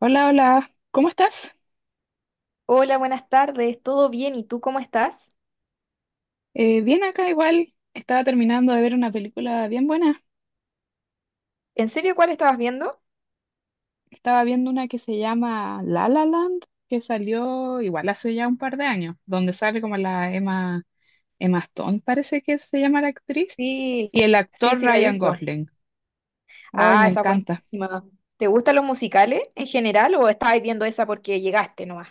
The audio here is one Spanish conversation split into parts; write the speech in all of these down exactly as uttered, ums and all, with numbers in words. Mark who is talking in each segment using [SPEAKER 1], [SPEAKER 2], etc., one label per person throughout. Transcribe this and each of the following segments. [SPEAKER 1] Hola, hola, ¿cómo estás?
[SPEAKER 2] Hola, buenas tardes, ¿todo bien? ¿Y tú cómo estás?
[SPEAKER 1] Eh, bien acá igual, estaba terminando de ver una película bien buena.
[SPEAKER 2] ¿En serio cuál estabas viendo?
[SPEAKER 1] Estaba viendo una que se llama La La Land, que salió igual hace ya un par de años, donde sale como la Emma, Emma Stone, parece que se llama la actriz,
[SPEAKER 2] Sí,
[SPEAKER 1] y el
[SPEAKER 2] sí,
[SPEAKER 1] actor
[SPEAKER 2] sí, la he
[SPEAKER 1] Ryan
[SPEAKER 2] visto.
[SPEAKER 1] Gosling. Ay,
[SPEAKER 2] Ah,
[SPEAKER 1] me
[SPEAKER 2] esa es
[SPEAKER 1] encanta.
[SPEAKER 2] buenísima. ¿Te gustan los musicales en general o estabas viendo esa porque llegaste nomás?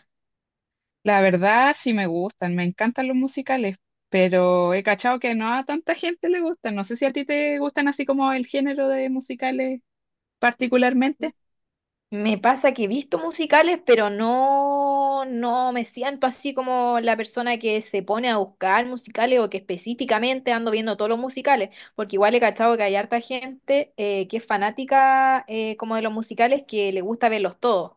[SPEAKER 1] La verdad sí me gustan, me encantan los musicales, pero he cachado que no a tanta gente le gustan. No sé si a ti te gustan así como el género de musicales particularmente.
[SPEAKER 2] Me pasa que he visto musicales, pero no, no me siento así como la persona que se pone a buscar musicales o que específicamente ando viendo todos los musicales, porque igual he cachado que hay harta gente eh, que es fanática eh, como de los musicales que le gusta verlos todos.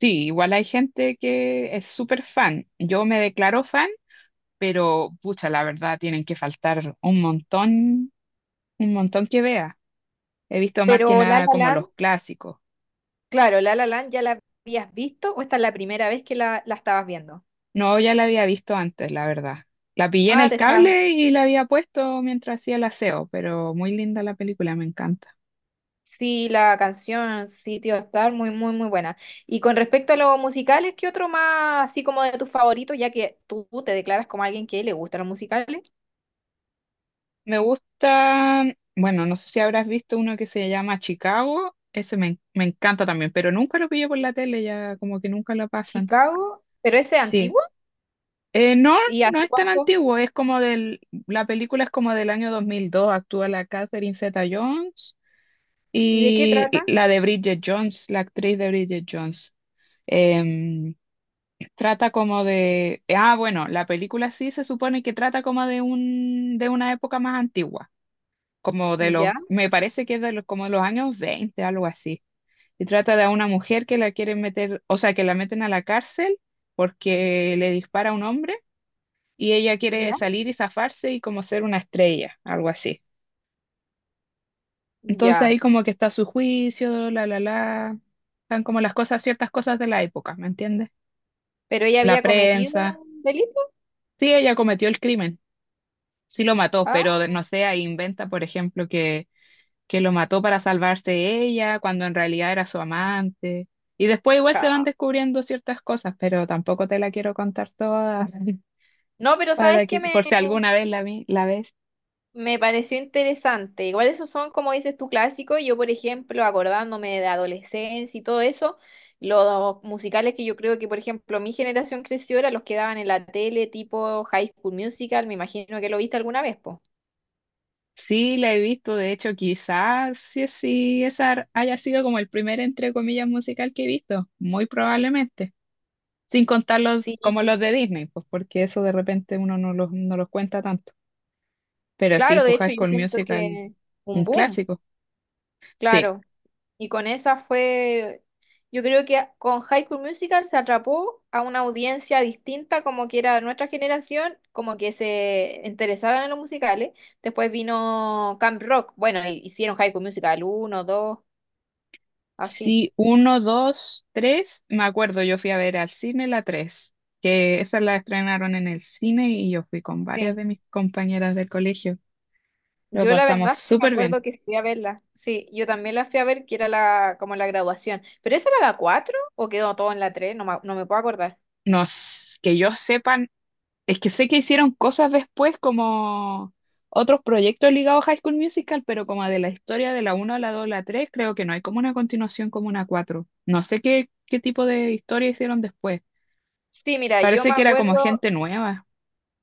[SPEAKER 1] Sí, igual hay gente que es súper fan. Yo me declaro fan, pero pucha, la verdad tienen que faltar un montón, un montón que vea. He visto más que
[SPEAKER 2] Pero La
[SPEAKER 1] nada
[SPEAKER 2] La
[SPEAKER 1] como los
[SPEAKER 2] Land.
[SPEAKER 1] clásicos.
[SPEAKER 2] Claro, La La Land ya la habías visto, o esta es la primera vez que la, la estabas viendo.
[SPEAKER 1] No, ya la había visto antes, la verdad. La pillé en
[SPEAKER 2] Ah,
[SPEAKER 1] el
[SPEAKER 2] te estás,
[SPEAKER 1] cable y la había puesto mientras hacía el aseo, pero muy linda la película, me encanta.
[SPEAKER 2] Sí, la canción Sitio Star, muy, muy, muy buena. Y con respecto a los musicales, ¿qué otro más así como de tus favoritos, ya que tú te declaras como alguien que le gustan los musicales?
[SPEAKER 1] Me gusta, bueno, no sé si habrás visto uno que se llama Chicago, ese me, me encanta también, pero nunca lo pillé por la tele, ya como que nunca lo pasan.
[SPEAKER 2] Chicago, pero ese es
[SPEAKER 1] Sí.
[SPEAKER 2] antiguo.
[SPEAKER 1] Eh, no,
[SPEAKER 2] ¿Y
[SPEAKER 1] no
[SPEAKER 2] hace
[SPEAKER 1] es tan
[SPEAKER 2] cuánto?
[SPEAKER 1] antiguo, es como del, la película es como del año dos mil dos, actúa la Catherine Zeta-Jones
[SPEAKER 2] ¿Y de qué
[SPEAKER 1] y
[SPEAKER 2] trata?
[SPEAKER 1] la de Bridget Jones, la actriz de Bridget Jones. Em, Trata como de, ah, bueno, la película sí se supone que trata como de un, de una época más antigua, como de los,
[SPEAKER 2] Ya,
[SPEAKER 1] me parece que es de los, como de los años veinte, algo así. Y trata de una mujer que la quieren meter, o sea, que la meten a la cárcel porque le dispara a un hombre y ella quiere
[SPEAKER 2] ya,
[SPEAKER 1] salir y zafarse y como ser una estrella, algo así. Entonces ahí
[SPEAKER 2] ya.
[SPEAKER 1] como que está su juicio, la, la, la, están como las cosas, ciertas cosas de la época, ¿me entiendes?
[SPEAKER 2] ¿Pero ella
[SPEAKER 1] La
[SPEAKER 2] había cometido
[SPEAKER 1] prensa.
[SPEAKER 2] un delito?
[SPEAKER 1] Sí, ella cometió el crimen, sí lo mató,
[SPEAKER 2] Ah,
[SPEAKER 1] pero de- no sé, ahí inventa, por ejemplo, que, que lo mató para salvarse ella, cuando en realidad era su amante. Y después igual se van
[SPEAKER 2] chao.
[SPEAKER 1] descubriendo ciertas cosas, pero tampoco te la quiero contar toda.
[SPEAKER 2] No, pero ¿sabes
[SPEAKER 1] Para
[SPEAKER 2] qué
[SPEAKER 1] que,
[SPEAKER 2] me,
[SPEAKER 1] por si alguna vez la, vi- la ves.
[SPEAKER 2] Me pareció interesante. Igual esos son, como dices tú, clásicos. Yo, por ejemplo, acordándome de adolescencia y todo eso, los musicales que yo creo que, por ejemplo, mi generación creció eran los que daban en la tele, tipo High School Musical. Me imagino que lo viste alguna vez, po.
[SPEAKER 1] Sí, la he visto, de hecho, quizás sí, sí, esa haya sido como el primer, entre comillas, musical que he visto, muy probablemente, sin contar los,
[SPEAKER 2] Sí,
[SPEAKER 1] como los de Disney, pues porque eso de repente uno no los, no los cuenta tanto. Pero sí,
[SPEAKER 2] claro, de
[SPEAKER 1] pues High
[SPEAKER 2] hecho, yo
[SPEAKER 1] School
[SPEAKER 2] siento
[SPEAKER 1] Musical,
[SPEAKER 2] que
[SPEAKER 1] un
[SPEAKER 2] un boom,
[SPEAKER 1] clásico. Sí,
[SPEAKER 2] claro. Y con esa fue, yo creo que con High School Musical se atrapó a una audiencia distinta, como que era nuestra generación, como que se interesaran en los musicales. Después vino Camp Rock, bueno, hi- hicieron High School Musical uno dos así.
[SPEAKER 1] sí, uno, dos, tres, me acuerdo, yo fui a ver al cine la tres, que esa la estrenaron en el cine y yo fui con varias
[SPEAKER 2] Sí.
[SPEAKER 1] de mis compañeras del colegio, lo
[SPEAKER 2] Yo la
[SPEAKER 1] pasamos
[SPEAKER 2] verdad es que me
[SPEAKER 1] súper bien.
[SPEAKER 2] acuerdo que fui a verla. Sí, yo también la fui a ver, que era la, como la graduación. ¿Pero esa era la cuatro o quedó todo en la tres? No me, no me puedo acordar.
[SPEAKER 1] Nos Que yo sepa, es que sé que hicieron cosas después como otros proyectos ligados a High School Musical, pero como de la historia de la uno a la dos a la tres, creo que no hay como una continuación como una cuatro. No sé qué, qué tipo de historia hicieron después.
[SPEAKER 2] Sí, mira, yo
[SPEAKER 1] Parece
[SPEAKER 2] me
[SPEAKER 1] que era
[SPEAKER 2] acuerdo
[SPEAKER 1] como gente nueva.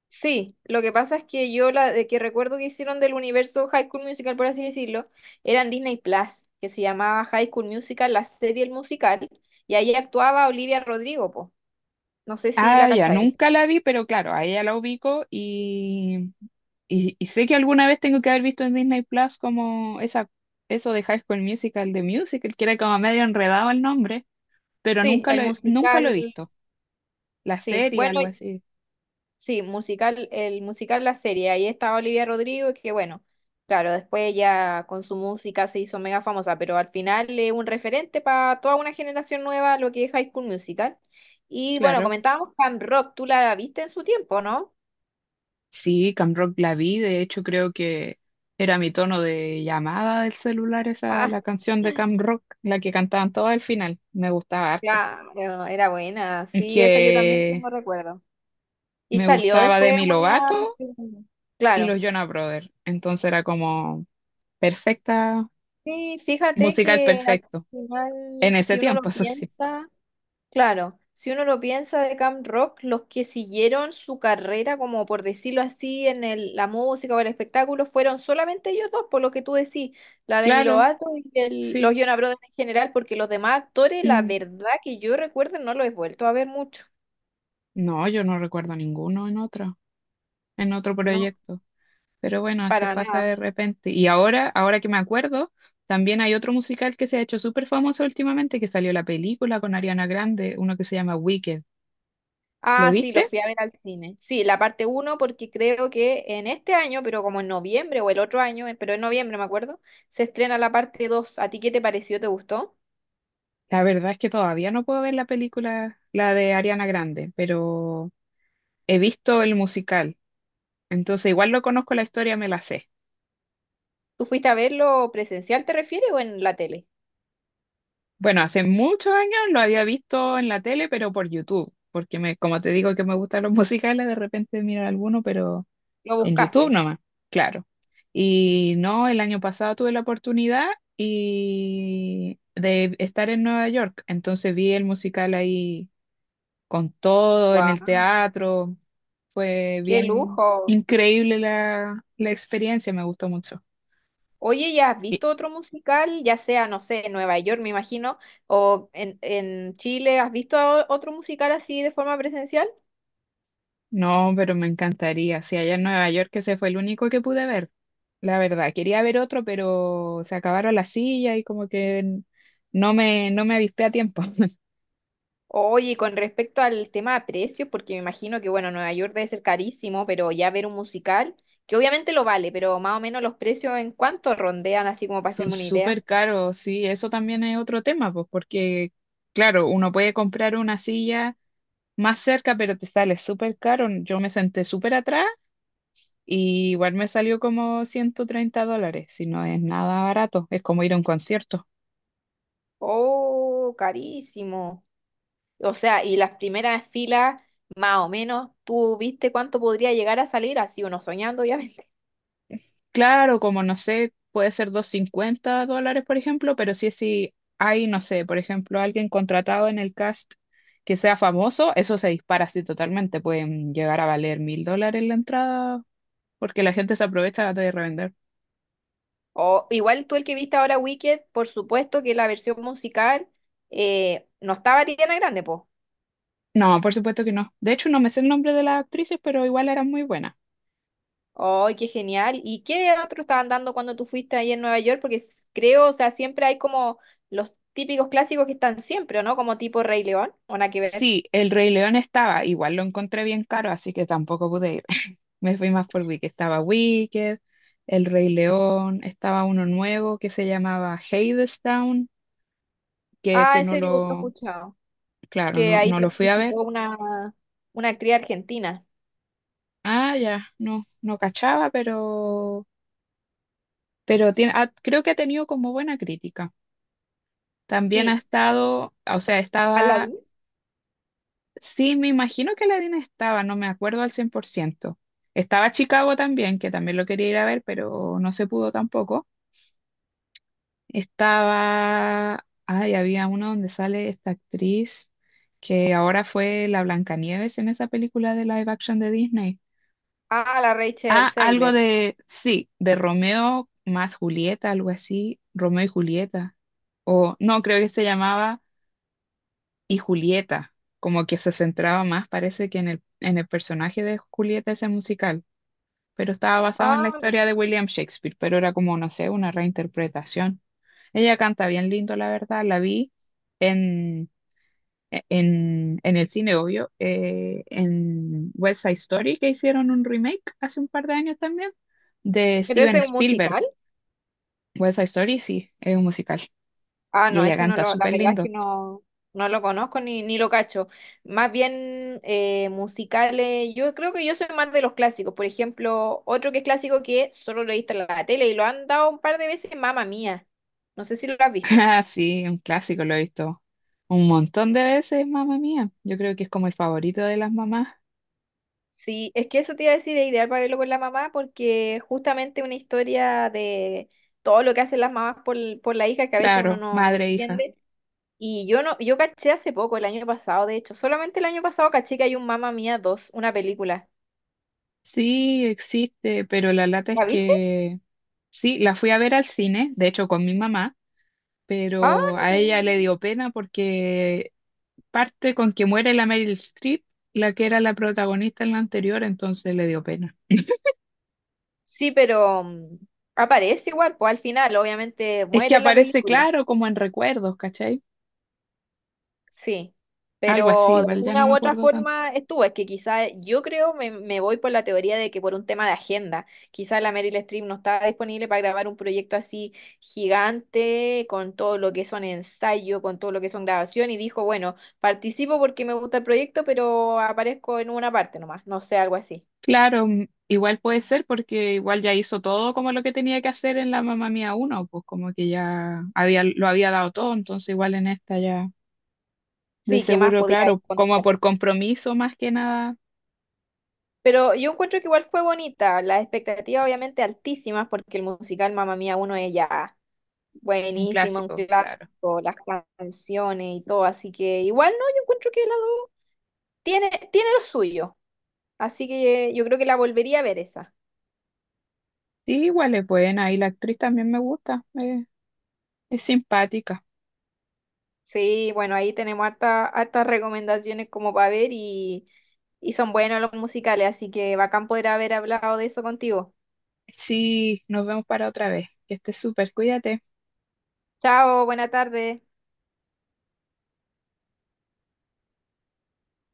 [SPEAKER 2] Sí, lo que pasa es que yo la de que recuerdo que hicieron del universo High School Musical, por así decirlo, eran Disney Plus, que se llamaba High School Musical, la serie el musical, y ahí actuaba Olivia Rodrigo, po. No sé si la
[SPEAKER 1] Ah, ya,
[SPEAKER 2] cacháis.
[SPEAKER 1] nunca la vi, pero claro, a ella la ubico y, y, y sé que alguna vez tengo que haber visto en Disney Plus como esa, eso de High School Musical, de Musical, que era como medio enredado el nombre, pero
[SPEAKER 2] Sí,
[SPEAKER 1] nunca lo,
[SPEAKER 2] el
[SPEAKER 1] he- nunca lo he
[SPEAKER 2] musical,
[SPEAKER 1] visto. La
[SPEAKER 2] sí.
[SPEAKER 1] serie,
[SPEAKER 2] Bueno,
[SPEAKER 1] algo así,
[SPEAKER 2] sí, musical, el musical La Serie, ahí estaba Olivia Rodrigo, que bueno, claro, después ella con su música se hizo mega famosa, pero al final es un referente para toda una generación nueva lo que es High School Musical. Y bueno,
[SPEAKER 1] claro.
[SPEAKER 2] comentábamos Camp Rock, tú la viste en su tiempo, ¿no?
[SPEAKER 1] Sí, Camp Rock la vi, de hecho creo que era mi tono de llamada del celular esa,
[SPEAKER 2] Ah,
[SPEAKER 1] la canción de Camp Rock, la que cantaban todos al final, me gustaba harto.
[SPEAKER 2] claro, era buena,
[SPEAKER 1] Es
[SPEAKER 2] sí, esa yo también
[SPEAKER 1] que
[SPEAKER 2] tengo recuerdo. Y
[SPEAKER 1] me
[SPEAKER 2] salió
[SPEAKER 1] gustaba
[SPEAKER 2] después
[SPEAKER 1] Demi
[SPEAKER 2] una...
[SPEAKER 1] Lovato
[SPEAKER 2] segunda.
[SPEAKER 1] y
[SPEAKER 2] Claro.
[SPEAKER 1] los Jonas Brothers, entonces era como perfecta,
[SPEAKER 2] Sí, fíjate
[SPEAKER 1] musical
[SPEAKER 2] que al
[SPEAKER 1] perfecto,
[SPEAKER 2] final,
[SPEAKER 1] en ese
[SPEAKER 2] Si uno
[SPEAKER 1] tiempo,
[SPEAKER 2] lo
[SPEAKER 1] eso sí.
[SPEAKER 2] piensa... Claro, si uno lo piensa de Camp Rock, los que siguieron su carrera, como por decirlo así, en el- la música o el espectáculo, fueron solamente ellos dos, por lo que tú decís, la Demi
[SPEAKER 1] Claro,
[SPEAKER 2] Lovato y el-
[SPEAKER 1] sí.
[SPEAKER 2] los Jonas Brothers en general, porque los demás actores, la
[SPEAKER 1] Mm.
[SPEAKER 2] verdad que yo recuerdo, no los he vuelto a ver mucho,
[SPEAKER 1] No, yo no recuerdo ninguno en otro, en otro
[SPEAKER 2] no,
[SPEAKER 1] proyecto. Pero bueno, así
[SPEAKER 2] para
[SPEAKER 1] pasa
[SPEAKER 2] nada.
[SPEAKER 1] de repente. Y ahora, ahora que me acuerdo, también hay otro musical que se ha hecho súper famoso últimamente, que salió la película con Ariana Grande, uno que se llama Wicked. ¿Lo
[SPEAKER 2] Ah, sí, los
[SPEAKER 1] viste?
[SPEAKER 2] fui a ver al cine. Sí, la parte uno, porque creo que en este año, pero como en noviembre o el otro año, eh, pero en noviembre me acuerdo, se estrena la parte dos. ¿A ti qué te pareció? ¿Te gustó?
[SPEAKER 1] La verdad es que todavía no puedo ver la película, la de Ariana Grande, pero he visto el musical. Entonces, igual lo conozco la historia, me la sé.
[SPEAKER 2] ¿Tú fuiste a verlo presencial, te refieres, o en la tele?
[SPEAKER 1] Bueno, hace muchos años lo había visto en la tele, pero por YouTube, porque me, como te digo que me gustan los musicales, de repente mirar alguno, pero.
[SPEAKER 2] ¿Lo
[SPEAKER 1] En YouTube
[SPEAKER 2] buscaste?
[SPEAKER 1] nomás, claro. Y no, el año pasado tuve la oportunidad y de estar en Nueva York, entonces vi el musical ahí con todo, en el
[SPEAKER 2] ¡Guau!
[SPEAKER 1] teatro. Fue
[SPEAKER 2] ¡Qué
[SPEAKER 1] bien
[SPEAKER 2] lujo!
[SPEAKER 1] increíble la, la experiencia, me gustó mucho.
[SPEAKER 2] Oye, ¿ya has
[SPEAKER 1] Y,
[SPEAKER 2] visto otro musical? Ya sea, no sé, en Nueva York, me imagino, o en, en Chile, ¿has visto o- otro musical así de forma presencial?
[SPEAKER 1] no, pero me encantaría. Si allá en Nueva York ese fue el único que pude ver, la verdad. Quería ver otro, pero se acabaron las sillas y como que no me, no me avispé a tiempo.
[SPEAKER 2] Oye, y con respecto al tema de precios, porque me imagino que, bueno, Nueva York debe ser carísimo, pero ya ver un musical, que obviamente lo vale, pero más o menos los precios en cuánto rondean, así como para
[SPEAKER 1] Son
[SPEAKER 2] hacerme una idea.
[SPEAKER 1] súper caros, sí, eso también es otro tema, pues, porque, claro, uno puede comprar una silla más cerca, pero te sale súper caro. Yo me senté súper atrás y igual me salió como ciento treinta dólares, si no es nada barato, es como ir a un concierto.
[SPEAKER 2] ¡Oh, carísimo! O sea, y las primeras filas, más o menos, tú viste cuánto podría llegar a salir, así uno soñando, obviamente.
[SPEAKER 1] Claro, como no sé, puede ser doscientos cincuenta dólares, por ejemplo, pero sí, si hay, no sé, por ejemplo, alguien contratado en el cast que sea famoso, eso se dispara así totalmente, pueden llegar a valer mil dólares la entrada porque la gente se aprovecha de revender.
[SPEAKER 2] O igual tú el que viste ahora Wicked, por supuesto que la versión musical, eh, no estaba Ariana Grande, po.
[SPEAKER 1] No, por supuesto que no. De hecho, no me sé el nombre de las actrices, pero igual eran muy buenas.
[SPEAKER 2] ¡Ay, qué genial! ¿Y qué otro estaban dando cuando tú fuiste ahí en Nueva York? Porque s- creo, o sea, siempre hay como los típicos clásicos que están siempre, ¿o no? Como tipo Rey León, o nada que ver.
[SPEAKER 1] Sí, El Rey León estaba, igual lo encontré bien caro, así que tampoco pude ir. Me fui más por Wicked. Estaba Wicked, El Rey León, estaba uno nuevo que se llamaba Hadestown, que
[SPEAKER 2] Ah,
[SPEAKER 1] ese no
[SPEAKER 2] ese lo, lo he
[SPEAKER 1] lo,
[SPEAKER 2] escuchado,
[SPEAKER 1] claro,
[SPEAKER 2] que
[SPEAKER 1] no,
[SPEAKER 2] ahí
[SPEAKER 1] no lo fui a ver.
[SPEAKER 2] participó una, una actriz argentina.
[SPEAKER 1] Ah, ya, no, no cachaba, pero, pero tiene, ah, creo que ha tenido como buena crítica. También ha
[SPEAKER 2] Sí,
[SPEAKER 1] estado, o sea, estaba.
[SPEAKER 2] Aladdin.
[SPEAKER 1] Sí, me imagino que la harina estaba, no me acuerdo al cien por ciento. Estaba Chicago también, que también lo quería ir a ver, pero no se pudo tampoco. Estaba, ay, había uno donde sale esta actriz que ahora fue la Blancanieves en esa película de live action de Disney.
[SPEAKER 2] Ah, la
[SPEAKER 1] Ah,
[SPEAKER 2] Rachel
[SPEAKER 1] algo
[SPEAKER 2] Zegler.
[SPEAKER 1] de, sí, de Romeo más Julieta, algo así, Romeo y Julieta. O no, creo que se llamaba y Julieta, como que se centraba más, parece que en el, en el personaje de Julieta ese musical, pero estaba basado en la
[SPEAKER 2] Ah, mi-
[SPEAKER 1] historia de William Shakespeare, pero era como, no sé, una reinterpretación. Ella canta bien lindo, la verdad, la vi en, e, en, en el cine, obvio, eh, en West Side Story, que hicieron un remake hace un par de años también, de
[SPEAKER 2] pero
[SPEAKER 1] Steven
[SPEAKER 2] ese es un
[SPEAKER 1] Spielberg.
[SPEAKER 2] musical.
[SPEAKER 1] West Side Story, sí, es un musical.
[SPEAKER 2] Ah,
[SPEAKER 1] Y
[SPEAKER 2] no,
[SPEAKER 1] ella
[SPEAKER 2] ese no
[SPEAKER 1] canta
[SPEAKER 2] lo, la
[SPEAKER 1] súper
[SPEAKER 2] verdad es que
[SPEAKER 1] lindo.
[SPEAKER 2] no, no lo conozco ni, ni lo cacho. Más bien eh, musicales, yo creo que yo soy más de los clásicos. Por ejemplo, otro que es clásico que solo lo he visto en la tele y lo han dado un par de veces, Mamma Mía. No sé si lo has visto.
[SPEAKER 1] Ah, sí, un clásico, lo he visto un montón de veces, Mamá Mía. Yo creo que es como el favorito de las mamás.
[SPEAKER 2] Sí, es que eso te iba a decir, es ideal para verlo con la mamá porque justamente una historia de todo lo que hacen las mamás por, por la hija que a veces uno
[SPEAKER 1] Claro,
[SPEAKER 2] no, no
[SPEAKER 1] madre, e hija.
[SPEAKER 2] entiende. Y yo no, yo caché hace poco, el año pasado, de hecho, solamente el año pasado caché que hay un Mamma Mía dos, una película.
[SPEAKER 1] Sí, existe, pero la lata es
[SPEAKER 2] ¿La viste?
[SPEAKER 1] que sí, la fui a ver al cine, de hecho con mi mamá,
[SPEAKER 2] Ah,
[SPEAKER 1] pero
[SPEAKER 2] no
[SPEAKER 1] a
[SPEAKER 2] tenía
[SPEAKER 1] ella le
[SPEAKER 2] idea.
[SPEAKER 1] dio pena porque parte con que muere la Meryl Streep, la que era la protagonista en la anterior, entonces le dio pena.
[SPEAKER 2] Sí, pero mm, aparece igual, pues al final, obviamente
[SPEAKER 1] Es que
[SPEAKER 2] muere en la
[SPEAKER 1] aparece
[SPEAKER 2] película.
[SPEAKER 1] claro como en recuerdos, ¿cachai?
[SPEAKER 2] Sí,
[SPEAKER 1] Algo
[SPEAKER 2] pero
[SPEAKER 1] así,
[SPEAKER 2] de
[SPEAKER 1] vale, ya no
[SPEAKER 2] alguna
[SPEAKER 1] me
[SPEAKER 2] u otra
[SPEAKER 1] acuerdo tanto.
[SPEAKER 2] forma estuvo. Es que quizá yo creo, me, me voy por la teoría de que por un tema de agenda, quizá la Meryl Streep no estaba disponible para grabar un proyecto así gigante, con todo lo que son ensayo, con todo lo que son grabación, y dijo, bueno, participo porque me gusta el proyecto, pero aparezco en una parte nomás, no sé, algo así.
[SPEAKER 1] Claro, mm, igual puede ser porque igual ya hizo todo como lo que tenía que hacer en la Mamá Mía uno, pues como que ya había, lo había dado todo, entonces igual en esta ya de
[SPEAKER 2] Sí, ¿qué más
[SPEAKER 1] seguro,
[SPEAKER 2] podía ahí
[SPEAKER 1] claro, como
[SPEAKER 2] contar?
[SPEAKER 1] por compromiso más que nada,
[SPEAKER 2] Pero yo encuentro que igual fue bonita, las expectativas obviamente altísimas, porque el musical Mamma Mía uno es ya
[SPEAKER 1] un
[SPEAKER 2] buenísima, un
[SPEAKER 1] clásico, claro.
[SPEAKER 2] clásico, las canciones y todo, así que igual no, yo encuentro que la dos tiene, tiene lo suyo, así que yo creo que la volvería a ver esa.
[SPEAKER 1] Sí, igual es buena y la actriz también me gusta, eh, es simpática.
[SPEAKER 2] Sí, bueno, ahí tenemos harta, hartas recomendaciones como para ver y, y son buenos los musicales, así que bacán poder haber hablado de eso contigo.
[SPEAKER 1] Sí, nos vemos para otra vez. Que estés súper, cuídate.
[SPEAKER 2] Chao, buena tarde.